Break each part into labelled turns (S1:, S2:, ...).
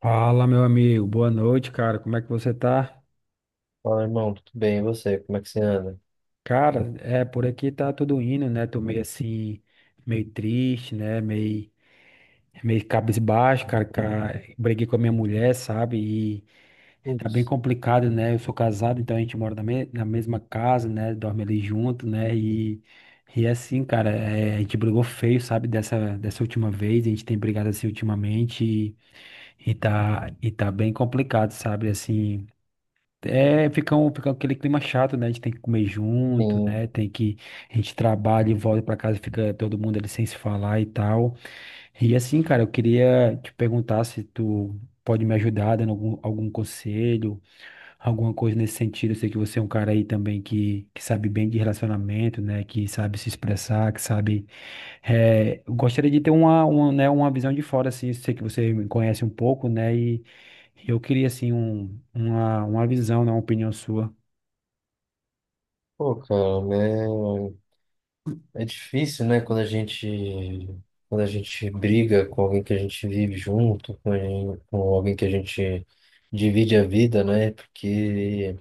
S1: Fala, meu amigo. Boa noite, cara. Como é que você tá?
S2: Fala, irmão, tudo bem? E você? Como é que você anda?
S1: Cara, por aqui tá tudo indo, né? Tô meio assim, meio triste, né? Meio cabisbaixo, cara, cara. Briguei com a minha mulher, sabe? E tá bem
S2: Putz,
S1: complicado, né? Eu sou casado, então a gente mora na mesma casa, né? Dorme ali junto, né? E é assim, cara, é, a gente brigou feio, sabe? Dessa última vez. A gente tem brigado assim ultimamente e e tá bem complicado, sabe? Assim. É, fica aquele clima chato, né? A gente tem que comer junto,
S2: sim.
S1: né? Tem que. A gente trabalha e volta pra casa, fica todo mundo ali sem se falar e tal. E assim, cara, eu queria te perguntar se tu pode me ajudar dando algum conselho, alguma coisa nesse sentido. Eu sei que você é um cara aí também que sabe bem de relacionamento, né? Que sabe se expressar, que sabe é, eu gostaria de ter uma visão de fora, assim, sei que você me conhece um pouco, né, e eu queria, assim, uma visão, né, uma opinião sua.
S2: Pô, cara, né? É difícil, né? Quando a gente briga com alguém que a gente vive junto, com alguém que a gente divide a vida, né? Porque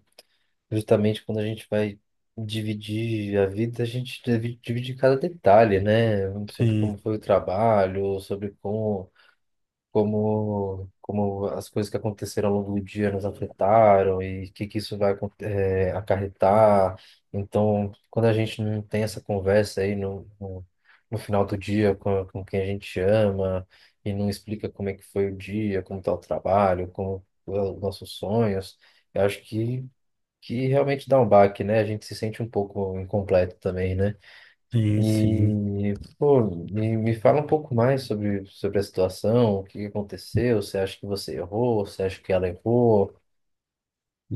S2: justamente quando a gente vai dividir a vida, a gente divide divide cada detalhe, né? Sobre
S1: Sim,
S2: como foi o trabalho, como as coisas que aconteceram ao longo do dia nos afetaram e que isso vai acarretar. Então, quando a gente não tem essa conversa aí no final do dia com quem a gente ama e não explica como é que foi o dia, como está o trabalho, como é os nossos sonhos, eu acho que realmente dá um baque, né? A gente se sente um pouco incompleto também, né?
S1: sim, sim.
S2: E, pô, me fala um pouco mais sobre a situação, o que aconteceu, você acha que você errou, você acha que ela errou?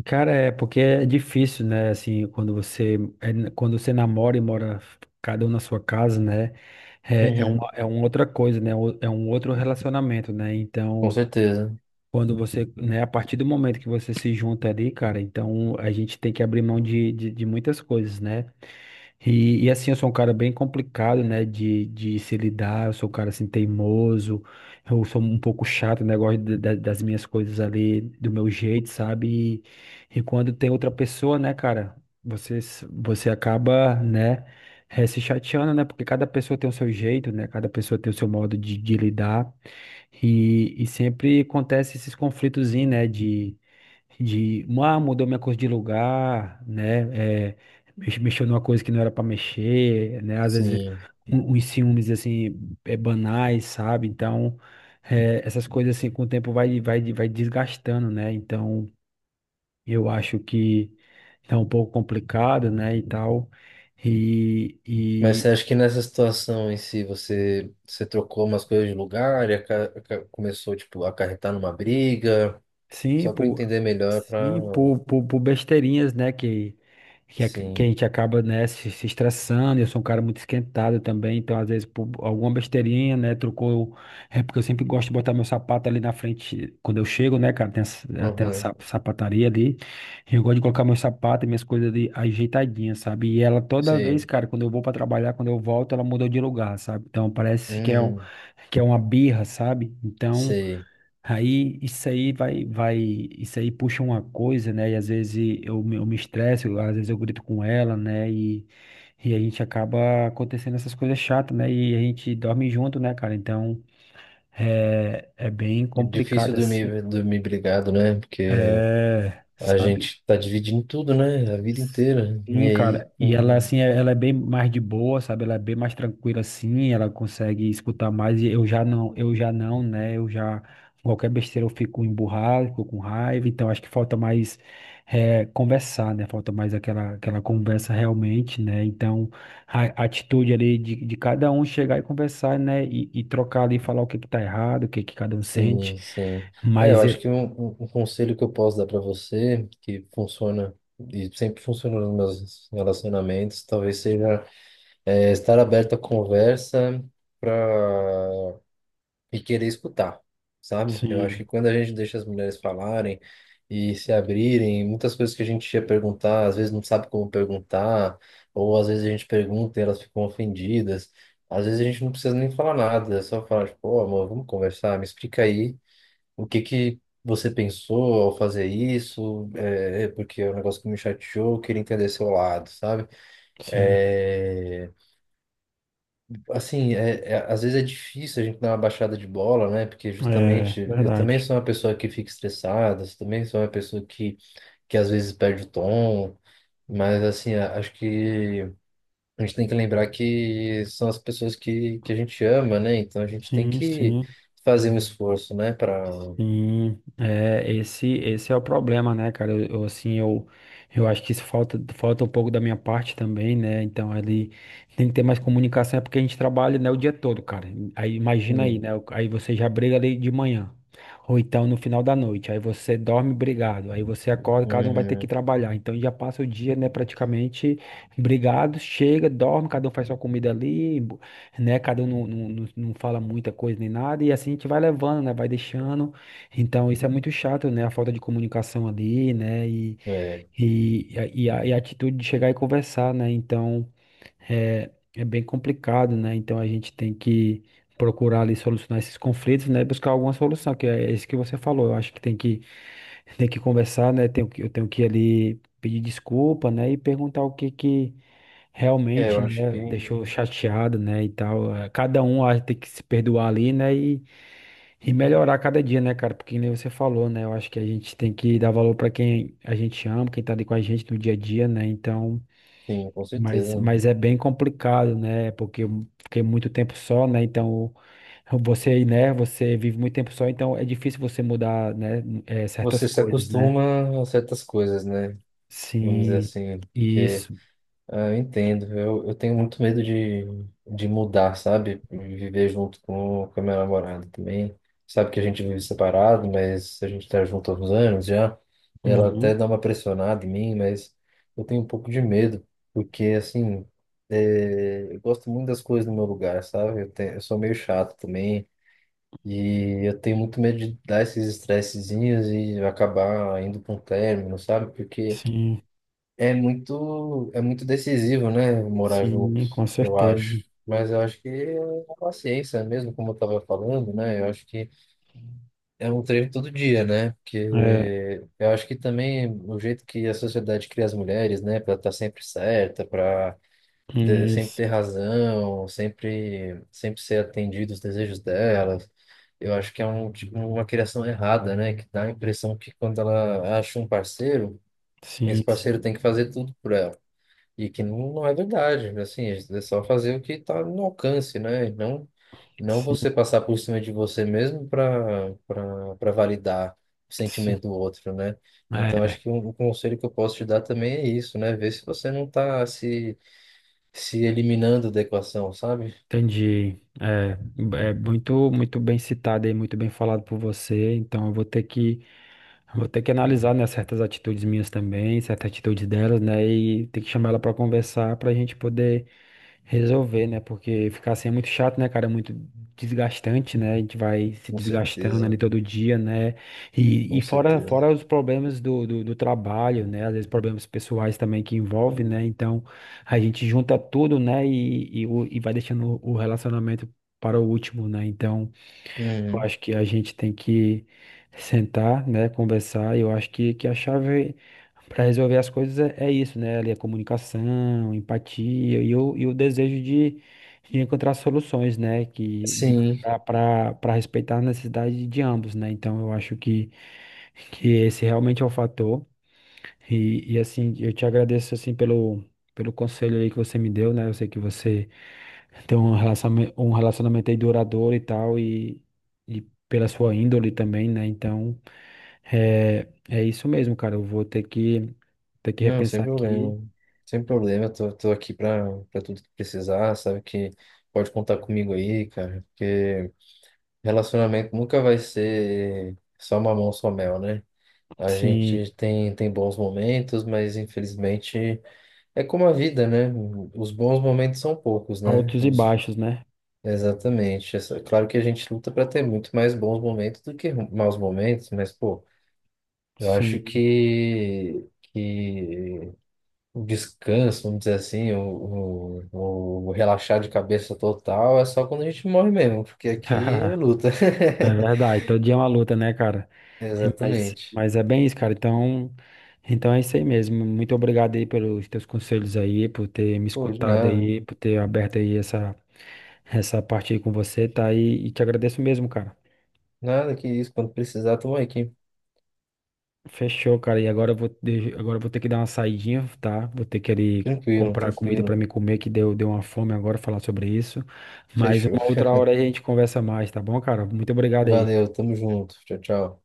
S1: Cara, é porque é difícil, né? Assim, quando você namora e mora cada um na sua casa, né? É,
S2: Uhum.
S1: é uma outra coisa, né? o- É um outro relacionamento, né?
S2: Com
S1: Então,
S2: certeza,
S1: Quando você, né, a partir do momento que você se junta ali, cara, então a gente tem que abrir mão de muitas coisas, né? E assim, eu sou um cara bem complicado, né, de se lidar, eu sou um cara assim teimoso, eu sou um pouco chato, né, gosto das minhas coisas ali do meu jeito, sabe? E quando tem outra pessoa, né, cara, você acaba, né, se chateando, né, porque cada pessoa tem o seu jeito, né, cada pessoa tem o seu modo de lidar. E sempre acontece esses conflitos, né, ah, mudou minha coisa de lugar, né, é, mexeu numa coisa que não era para mexer, né, às vezes
S2: sim.
S1: uns ciúmes, assim, é, banais, sabe, então, é, essas coisas, assim, com o tempo vai desgastando, né, então, eu acho que é um pouco complicado, né, e tal, e,
S2: Mas você acha que nessa situação em si você trocou umas coisas de lugar e começou, tipo, a acarretar numa briga?
S1: sim,
S2: Só para eu entender melhor, para...
S1: sim, por besteirinhas, né, que, que a
S2: Sim,
S1: gente acaba, né, se estressando, eu sou um cara muito esquentado também, então às vezes por alguma besteirinha, né, trocou, é porque eu sempre gosto de botar meu sapato ali na frente, quando eu chego, né, cara, tem até a
S2: uhum.
S1: sa- sapataria ali, e eu gosto de colocar meu sapato e minhas coisas ali ajeitadinhas, sabe, e ela toda vez,
S2: Sei.
S1: cara, quando eu vou pra trabalhar, quando eu volto, ela mudou de lugar, sabe, então parece
S2: Hum,
S1: que é uma birra, sabe, então...
S2: sei.
S1: Aí isso aí puxa uma coisa, né? E às vezes eu me estresso, às vezes eu grito com ela, né? E a gente acaba acontecendo essas coisas chatas, né? E a gente dorme junto, né, cara? Então é, é bem
S2: É difícil
S1: complicado assim.
S2: dormir, dormir brigado, né? Porque
S1: É,
S2: a
S1: sabe?
S2: gente tá dividindo tudo, né? A vida inteira. E
S1: Sim,
S2: aí,
S1: cara, e ela
S2: com...
S1: assim, é- ela é bem mais de boa, sabe? Ela é bem mais tranquila assim, ela consegue escutar mais. E eu já não, né? Eu já qualquer besteira eu fico emburrado, fico com raiva. Então acho que falta mais conversar, né? Falta mais aquela conversa realmente, né? Então a atitude ali de cada um chegar e conversar, né? E trocar ali, falar o que que tá errado, o que que cada um sente.
S2: Sim, sim. É, eu
S1: Mas eu,
S2: acho que um conselho que eu posso dar para você, que funciona e sempre funcionou nos meus relacionamentos, talvez seja estar aberto à conversa para e querer escutar, sabe? Eu acho
S1: sim,
S2: que quando a gente deixa as mulheres falarem e se abrirem, muitas coisas que a gente ia perguntar, às vezes não sabe como perguntar, ou às vezes a gente pergunta e elas ficam ofendidas. Às vezes a gente não precisa nem falar nada, é só falar, tipo, "Ô, amor, vamos conversar, me explica aí o que que você pensou ao fazer isso, é porque é um negócio que me chateou, eu queria entender seu lado, sabe?
S1: sim.
S2: É, assim, às vezes é difícil a gente dar uma baixada de bola, né? Porque
S1: É
S2: justamente eu também
S1: verdade.
S2: sou uma pessoa que fica estressada, eu também sou uma pessoa que às vezes perde o tom, mas assim, acho que a gente tem que lembrar que são as pessoas que a gente ama, né? Então a gente tem
S1: Sim,
S2: que
S1: sim.
S2: fazer um esforço, né? Para.
S1: Sim, é, esse é o problema, né, cara? Eu acho que isso falta, falta um pouco da minha parte também, né? Então, ali tem que ter mais comunicação, é porque a gente trabalha, né, o dia todo, cara. Aí, imagina aí,
S2: Sim.
S1: né? Aí você já briga ali de manhã, ou então no final da noite, aí você dorme brigado, aí você acorda, cada um vai ter que
S2: Uhum.
S1: trabalhar. Então, já passa o dia, né, praticamente brigado, chega, dorme, cada um faz sua comida ali, né? Cada um não fala muita coisa nem nada, e assim a gente vai levando, né? Vai deixando. Então, isso é muito chato, né? A falta de comunicação ali, né?
S2: É.
S1: E, a, e a atitude de chegar e conversar, né? Então, é, é bem complicado, né? Então, a gente tem que procurar ali solucionar esses conflitos, né? Buscar alguma solução, que é isso que você falou. Eu acho que tem que, tem que conversar, né? Eu tenho que ali pedir desculpa, né? E perguntar o que que
S2: É, eu
S1: realmente,
S2: acho que
S1: né? Deixou chateado, né? E tal. Eh, cada um ah, tem que se perdoar ali, né? E melhorar cada dia, né, cara? Porque nem você falou, né? Eu acho que a gente tem que dar valor pra quem a gente ama, quem tá ali com a gente no dia a dia, né? Então,
S2: sim, com certeza.
S1: mas é bem complicado, né? Porque eu fiquei muito tempo só, né? Então, você, né? Você vive muito tempo só, então é difícil você mudar, né? Eh, certas
S2: Você se
S1: coisas, né?
S2: acostuma a certas coisas, né? Vamos dizer
S1: Sim,
S2: assim. Porque
S1: isso.
S2: ah, eu entendo. Eu tenho muito medo de mudar, sabe? Viver junto com a minha namorada também. Sabe que a gente vive separado, mas a gente tá junto há uns anos já. Ela até
S1: Uhum.
S2: dá uma pressionada em mim, mas eu tenho um pouco de medo, porque assim, é, eu gosto muito das coisas no meu lugar, sabe? Eu sou meio chato também. E eu tenho muito medo de dar esses estressezinhos e acabar indo para um término, sabe? Porque.
S1: Sim,
S2: É muito decisivo, né, morar junto,
S1: sim, com
S2: eu
S1: certeza.
S2: acho. Mas eu acho que é a paciência mesmo, como eu estava falando, né? Eu acho que é um treino todo dia, né? Porque
S1: É,
S2: eu acho que também o jeito que a sociedade cria as mulheres, né, para estar sempre certa, para sempre
S1: isso.
S2: ter razão, sempre, sempre ser atendido os desejos delas. Eu acho que é um, tipo, uma criação errada, né? Que dá a impressão que quando ela acha um parceiro, esse
S1: Sim, sim,
S2: parceiro tem que fazer tudo por ela. E que não, não é verdade, né? Assim, é é só fazer o que está no alcance, né? E não, não
S1: sim,
S2: você passar por cima de você mesmo para para para validar o
S1: sim.
S2: sentimento do outro, né? Então,
S1: É.
S2: acho que um conselho que eu posso te dar também é isso, né? Ver se você não está se eliminando da equação, sabe?
S1: Entendi. É, é muito, muito bem citado e muito bem falado por você. Então, eu vou ter que analisar, né, certas atitudes minhas também, certas atitudes delas, né, e ter que chamar ela para conversar para a gente poder resolver, né? Porque ficar assim é muito chato, né, cara? É muito desgastante, né? A gente vai se
S2: Com
S1: desgastando
S2: certeza,
S1: ali todo dia, né? E
S2: com
S1: fora,
S2: certeza.
S1: fora os problemas do trabalho, né? Às vezes problemas pessoais também que envolvem, né? Então a gente junta tudo, né? E vai deixando o relacionamento para o último, né? Então. Eu
S2: Uhum.
S1: acho que a gente tem que sentar, né, conversar. E eu acho que a chave para resolver as coisas é, é isso, né? Ali a comunicação, empatia e o desejo de encontrar soluções, né? Que
S2: Sim,
S1: para respeitar a necessidade de ambos, né? Então eu acho que esse realmente é o fator. E assim, eu te agradeço assim pelo, pelo conselho aí que você me deu, né? Eu sei que você ter um relacionamento aí duradouro e tal, e pela sua índole também, né? Então, é, é isso mesmo, cara. Eu vou ter que
S2: não, sem
S1: repensar aqui,
S2: problema. Sem problema, eu tô aqui para para tudo que precisar, sabe que pode contar comigo aí, cara, porque relacionamento nunca vai ser só mamão, só mel, né? A
S1: sim,
S2: gente tem bons momentos, mas infelizmente é como a vida, né? Os bons momentos são poucos, né?
S1: altos e
S2: Os...
S1: baixos, né?
S2: Exatamente. Essa- claro que a gente luta para ter muito mais bons momentos do que maus momentos, mas, pô, eu acho
S1: Sim.
S2: que, que o descanso, vamos dizer assim, o relaxar de cabeça total é só quando a gente morre mesmo, porque aqui é luta.
S1: É verdade, todo dia é uma luta, né, cara?
S2: Exatamente.
S1: Mas é bem isso, cara. Então, então é isso aí mesmo. Muito obrigado aí pelos teus conselhos aí, por ter me
S2: Pô, de
S1: escutado
S2: nada.
S1: aí, por ter aberto aí essa parte aí com você, tá? E te agradeço mesmo, cara.
S2: Nada que isso. Quando precisar, tamo aqui.
S1: Fechou, cara. E agora agora eu vou ter que dar uma saidinha, tá? Vou ter que ali
S2: Tranquilo,
S1: comprar comida pra
S2: tranquilo.
S1: me comer, que deu uma fome agora falar sobre isso. Mas
S2: Fechou.
S1: uma outra hora a gente conversa mais, tá bom, cara? Muito obrigado aí.
S2: Valeu, tamo junto. Tchau, tchau.